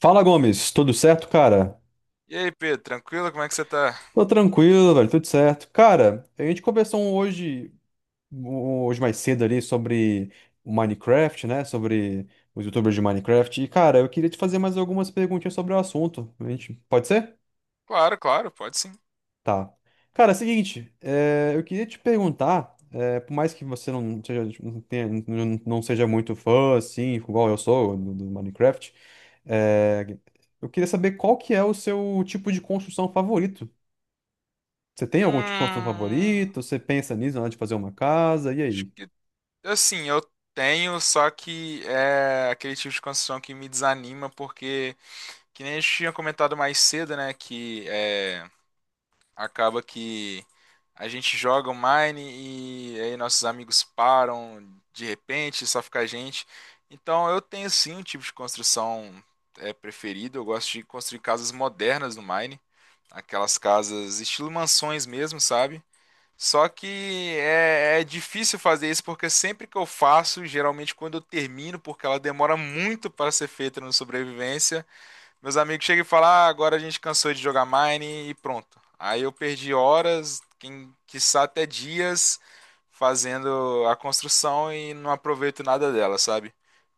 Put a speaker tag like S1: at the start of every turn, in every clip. S1: Fala, Gomes, tudo certo, cara?
S2: E aí, Pedro, tranquilo? Como é que você tá?
S1: Tô tranquilo, velho, tudo certo. Cara, a gente conversou hoje mais cedo ali sobre o Minecraft, né? Sobre os YouTubers de Minecraft. E, cara, eu queria te fazer mais algumas perguntinhas sobre o assunto. A gente, pode ser?
S2: Claro, claro, pode sim.
S1: Tá. Cara, é o seguinte, eu queria te perguntar, por mais que você não seja, não seja muito fã, assim, igual eu sou, do Minecraft, é, eu queria saber qual que é o seu tipo de construção favorito. Você tem algum tipo de construção
S2: Hum,
S1: favorito? Você pensa nisso na hora de fazer uma casa? E
S2: acho
S1: aí?
S2: que assim, eu tenho, só que é aquele tipo de construção que me desanima, porque que nem a gente tinha comentado mais cedo, né? Que é. Acaba que a gente joga o Mine e aí nossos amigos param de repente, só fica a gente. Então eu tenho sim um tipo de construção preferido. Eu gosto de construir casas modernas no Mine, aquelas casas estilo mansões mesmo, sabe? Só que é difícil fazer isso porque sempre que eu faço, geralmente quando eu termino, porque ela demora muito para ser feita no sobrevivência, meus amigos chegam e falam, ah, agora a gente cansou de jogar Mine e pronto. Aí eu perdi horas, quem quiçá até dias, fazendo a construção e não aproveito nada dela, sabe?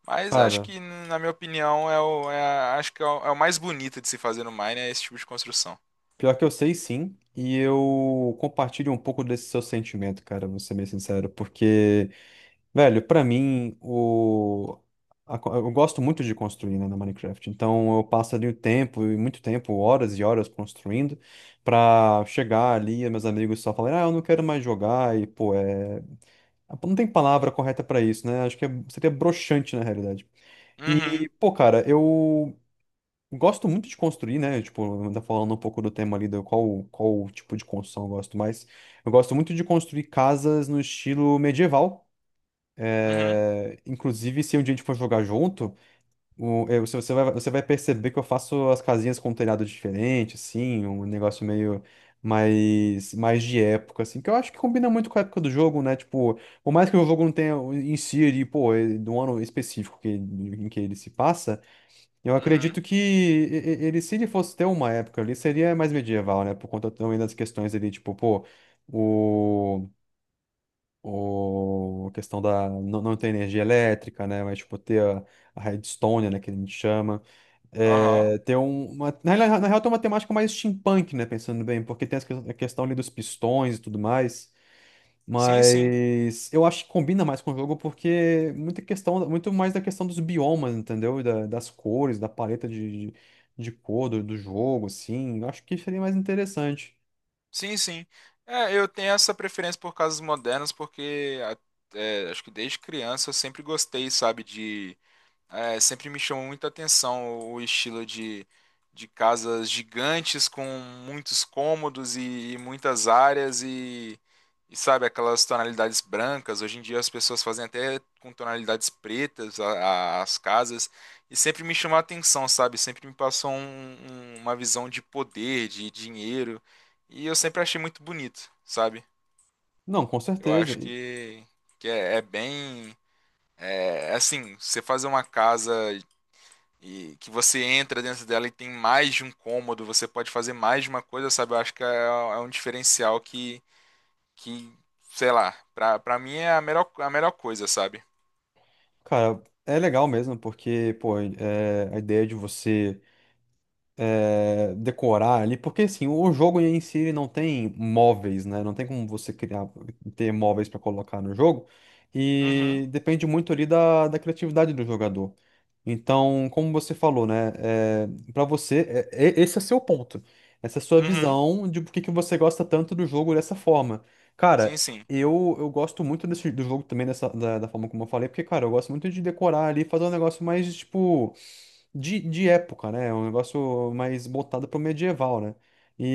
S2: Mas acho
S1: Cara,
S2: que, na minha opinião, acho que é o mais bonito de se fazer no Mine, é esse tipo de construção.
S1: pior que eu sei sim, e eu compartilho um pouco desse seu sentimento, cara, vou ser bem sincero, porque, velho, pra mim, eu gosto muito de construir, né, no Minecraft, então eu passo ali o tempo, e muito tempo, horas e horas construindo, pra chegar ali e meus amigos só falarem, ah, eu não quero mais jogar, e, pô, é... não tem palavra correta pra isso, né? Acho que seria broxante, na realidade.
S2: Uhum,
S1: E, pô, cara, eu gosto muito de construir, né? Tipo, ainda falando um pouco do tema ali, qual tipo de construção eu gosto mais. Eu gosto muito de construir casas no estilo medieval.
S2: uhum,
S1: É, inclusive, se um dia a gente for jogar junto, se você vai, você vai perceber que eu faço as casinhas com um telhado diferente, assim, um negócio meio mais de época, assim, que eu acho que combina muito com a época do jogo, né? Tipo, por mais que o jogo não tenha em si, ali, pô, é do ano específico que, em que ele se passa. Eu
S2: uhum,
S1: acredito que ele, se ele fosse ter uma época ali, seria mais medieval, né? Por conta também das questões ali, tipo, pô, o, a questão da não ter energia elétrica, né? Mas, tipo, ter a redstone, né? Que a gente chama.
S2: aham.
S1: É, ter na real, tem uma temática mais steampunk, né? Pensando bem, porque tem a questão ali dos pistões e tudo mais.
S2: Sim, sim,
S1: Mas eu acho que combina mais com o jogo porque muita questão, muito mais da questão dos biomas, entendeu? Das cores, da paleta de cor do jogo, assim. Eu acho que seria mais interessante.
S2: sim, sim. É, eu tenho essa preferência por casas modernas, é, acho que desde criança eu sempre gostei, sabe, de é, sempre me chamou muita atenção o estilo de casas gigantes com muitos cômodos e muitas áreas e, sabe, aquelas tonalidades brancas. Hoje em dia as pessoas fazem até com tonalidades pretas as casas e sempre me chamou a atenção, sabe? Sempre me passou uma visão de poder, de dinheiro e eu sempre achei muito bonito, sabe?
S1: Não, com
S2: Eu
S1: certeza.
S2: acho
S1: E,
S2: que é é bem. É, assim, você fazer uma casa e que você entra dentro dela e tem mais de um cômodo, você pode fazer mais de uma coisa, sabe? Eu acho que é, é um diferencial que sei lá, pra mim é a melhor coisa, sabe?
S1: cara, é legal mesmo porque, pô, é, a ideia de você. É, decorar ali, porque assim, o jogo em si ele não tem móveis, né? Não tem como você criar, ter móveis para colocar no jogo,
S2: Uhum,
S1: e depende muito ali da criatividade do jogador. Então, como você falou, né? É, para você, esse é seu ponto. Essa é a sua
S2: uhum,
S1: visão de por que que você gosta tanto do jogo dessa forma.
S2: sim,
S1: Cara,
S2: sim.
S1: eu gosto muito desse, do jogo também da forma como eu falei, porque, cara, eu gosto muito de decorar ali, fazer um negócio mais, tipo de época, né? É um negócio mais voltado pro medieval, né?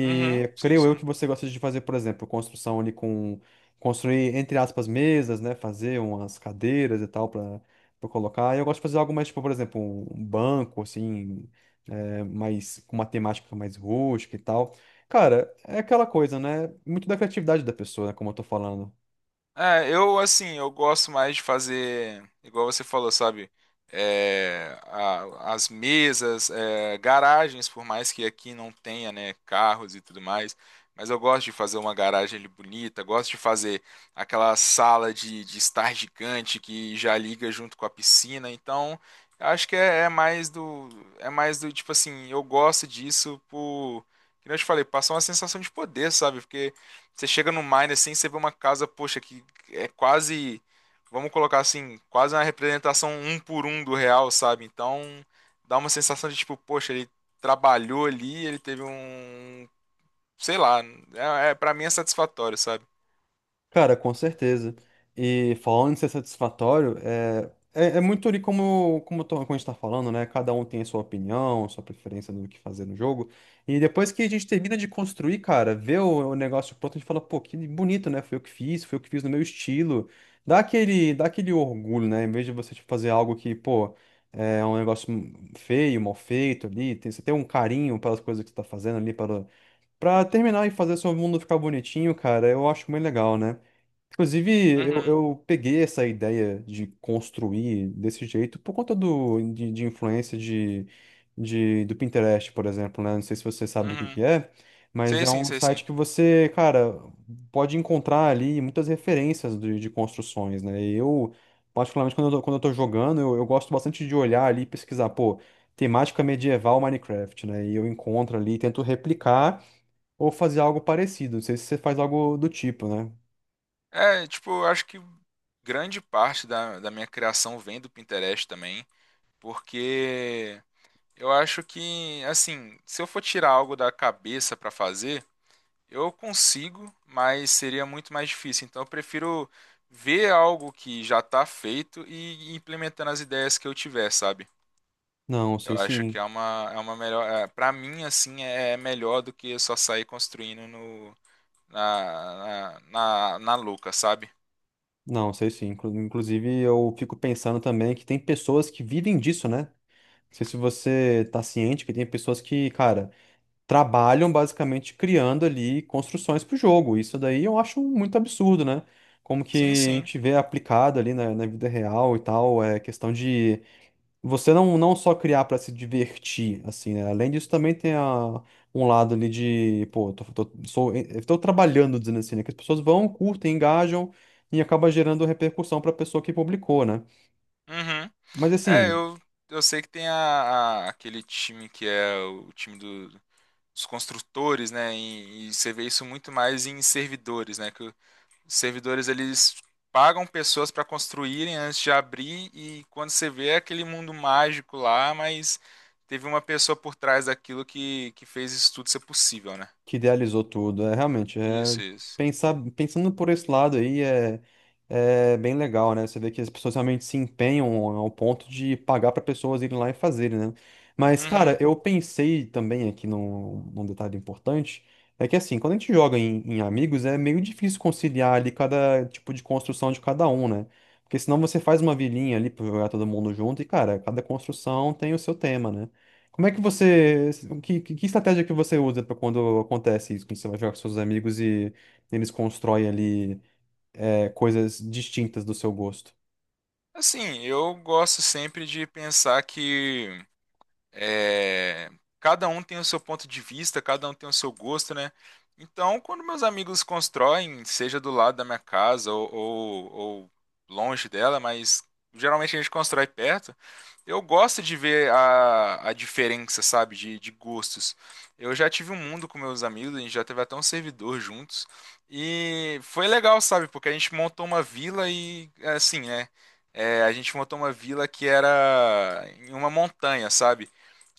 S2: Uhum, sim,
S1: creio eu
S2: sim.
S1: que você gosta de fazer, por exemplo, construção ali com... Construir, entre aspas, mesas, né? Fazer umas cadeiras e tal pra colocar. E eu gosto de fazer algo mais, tipo, por exemplo, um banco, assim... É, mais, com uma temática mais rústica e tal. Cara, é aquela coisa, né? Muito da criatividade da pessoa, né? Como eu tô falando.
S2: É, eu assim, eu gosto mais de fazer, igual você falou, sabe? É, as mesas, é, garagens, por mais que aqui não tenha, né, carros e tudo mais, mas eu gosto de fazer uma garagem ali bonita, gosto de fazer aquela sala de estar gigante que já liga junto com a piscina, então eu acho que é, é mais do tipo assim, eu gosto disso por, que nem eu te falei, passar uma sensação de poder, sabe? Porque você chega no Mine assim, você vê uma casa, poxa, que é quase, vamos colocar assim, quase uma representação um por um do real, sabe? Então dá uma sensação de tipo, poxa, ele trabalhou ali, ele teve um, sei lá, é para mim é satisfatório, sabe?
S1: Cara, com certeza. E falando em ser satisfatório, é muito ali como a gente tá falando, né? Cada um tem a sua opinião, sua preferência do que fazer no jogo. E depois que a gente termina de construir, cara, vê o negócio pronto, a gente fala, pô, que bonito, né? Foi eu que fiz, foi eu que fiz no meu estilo. Dá aquele orgulho, né? Em vez de você tipo, fazer algo que, pô, é um negócio feio, mal feito ali, tem, você tem um carinho pelas coisas que você tá fazendo ali, para terminar e fazer seu mundo ficar bonitinho, cara, eu acho muito legal, né? Inclusive,
S2: Uhum,
S1: eu peguei essa ideia de construir desse jeito por conta de influência do Pinterest, por exemplo, né? Não sei se você sabe o que
S2: uhum.
S1: que é, mas
S2: Sei
S1: é
S2: sim,
S1: um
S2: sei sim.
S1: site que você, cara, pode encontrar ali muitas referências de construções, né? E eu, particularmente, quando eu tô jogando, eu gosto bastante de olhar ali e pesquisar, pô, temática medieval Minecraft, né? E eu encontro ali, tento replicar ou fazer algo parecido. Não sei se você faz algo do tipo, né?
S2: É, tipo, eu acho que grande parte da minha criação vem do Pinterest também, porque eu acho que, assim, se eu for tirar algo da cabeça pra fazer eu consigo, mas seria muito mais difícil. Então eu prefiro ver algo que já está feito e ir implementando as ideias que eu tiver, sabe?
S1: Não,
S2: Eu
S1: sei
S2: acho que
S1: sim.
S2: é uma melhor. É, para mim, assim, é é melhor do que só sair construindo no, na, na, na, na louca, sabe?
S1: Não, sei sim. Inclusive, eu fico pensando também que tem pessoas que vivem disso, né? Não sei se você tá ciente que tem pessoas que, cara, trabalham basicamente criando ali construções pro jogo. Isso daí eu acho muito absurdo, né? Como que
S2: Sim,
S1: a
S2: sim.
S1: gente vê aplicado ali na vida real e tal, é questão de você não só criar para se divertir, assim, né? Além disso, também tem a, um lado ali de, pô, eu tô trabalhando, dizendo assim, né? Que as pessoas vão, curtem, engajam e acaba gerando repercussão para a pessoa que publicou, né?
S2: Uhum.
S1: Mas
S2: É,
S1: assim.
S2: eu sei que tem aquele time que é o time dos construtores, né? E você vê isso muito mais em servidores, né? Que os servidores eles pagam pessoas para construírem antes de abrir e quando você vê é aquele mundo mágico lá, mas teve uma pessoa por trás daquilo que fez isso tudo ser possível, né?
S1: Que idealizou tudo. É realmente é
S2: Isso, isso.
S1: pensar pensando por esse lado aí é, é bem legal, né? Você vê que as pessoas realmente se empenham ao ponto de pagar para pessoas irem lá e fazerem, né? Mas, cara,
S2: Uhum.
S1: eu pensei também aqui num detalhe importante. É que assim, quando a gente joga em amigos, é meio difícil conciliar ali cada tipo de construção de cada um, né? Porque senão você faz uma vilinha ali pra jogar todo mundo junto e, cara, cada construção tem o seu tema, né? Como é que você. Que estratégia que você usa para quando acontece isso? Quando você vai jogar com seus amigos e eles constroem ali é, coisas distintas do seu gosto.
S2: Assim, eu gosto sempre de pensar que é, cada um tem o seu ponto de vista, cada um tem o seu gosto, né? Então, quando meus amigos constroem, seja do lado da minha casa ou longe dela, mas geralmente a gente constrói perto, eu gosto de ver a diferença, sabe, de gostos. Eu já tive um mundo com meus amigos, a gente já teve até um servidor juntos, e foi legal, sabe, porque a gente montou uma vila e, assim, né? É, a gente montou uma vila que era em uma montanha, sabe?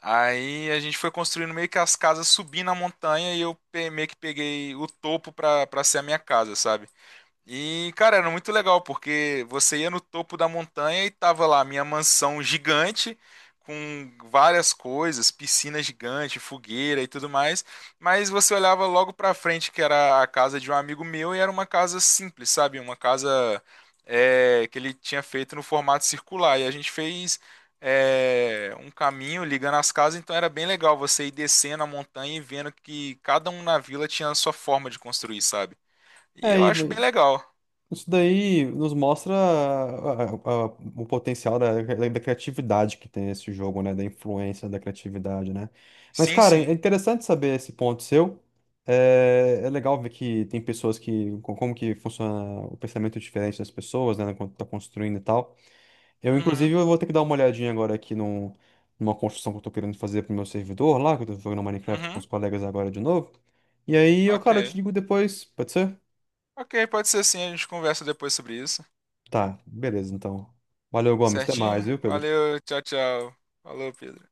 S2: Aí a gente foi construindo meio que as casas subindo a montanha e eu meio que peguei o topo pra ser a minha casa, sabe? E, cara, era muito legal, porque você ia no topo da montanha e tava lá a minha mansão gigante, com várias coisas, piscina gigante, fogueira e tudo mais. Mas você olhava logo pra frente, que era a casa de um amigo meu, e era uma casa simples, sabe? Uma casa é, que ele tinha feito no formato circular. E a gente fez é, um caminho ligando as casas, então era bem legal você ir descendo a montanha e vendo que cada um na vila tinha a sua forma de construir, sabe? E
S1: É,
S2: eu acho bem legal.
S1: isso daí nos mostra o potencial da criatividade que tem esse jogo, né? Da influência da criatividade, né? Mas,
S2: Sim,
S1: cara,
S2: sim.
S1: é interessante saber esse ponto seu. É legal ver que tem pessoas que. Como que funciona o pensamento diferente das pessoas, né? Quando tá construindo e tal. Eu,
S2: Uhum,
S1: inclusive, eu vou ter que dar uma olhadinha agora aqui numa construção que eu tô querendo fazer pro meu servidor lá, que eu tô jogando Minecraft com
S2: uhum.
S1: os colegas agora de novo. E aí, cara, eu
S2: Ok.
S1: te digo depois, pode ser?
S2: Ok, pode ser sim, a gente conversa depois sobre isso.
S1: Tá, beleza, então. Valeu, Gomes. Até mais,
S2: Certinho?
S1: viu, Pedro?
S2: Valeu, tchau, tchau. Falou, Pedro.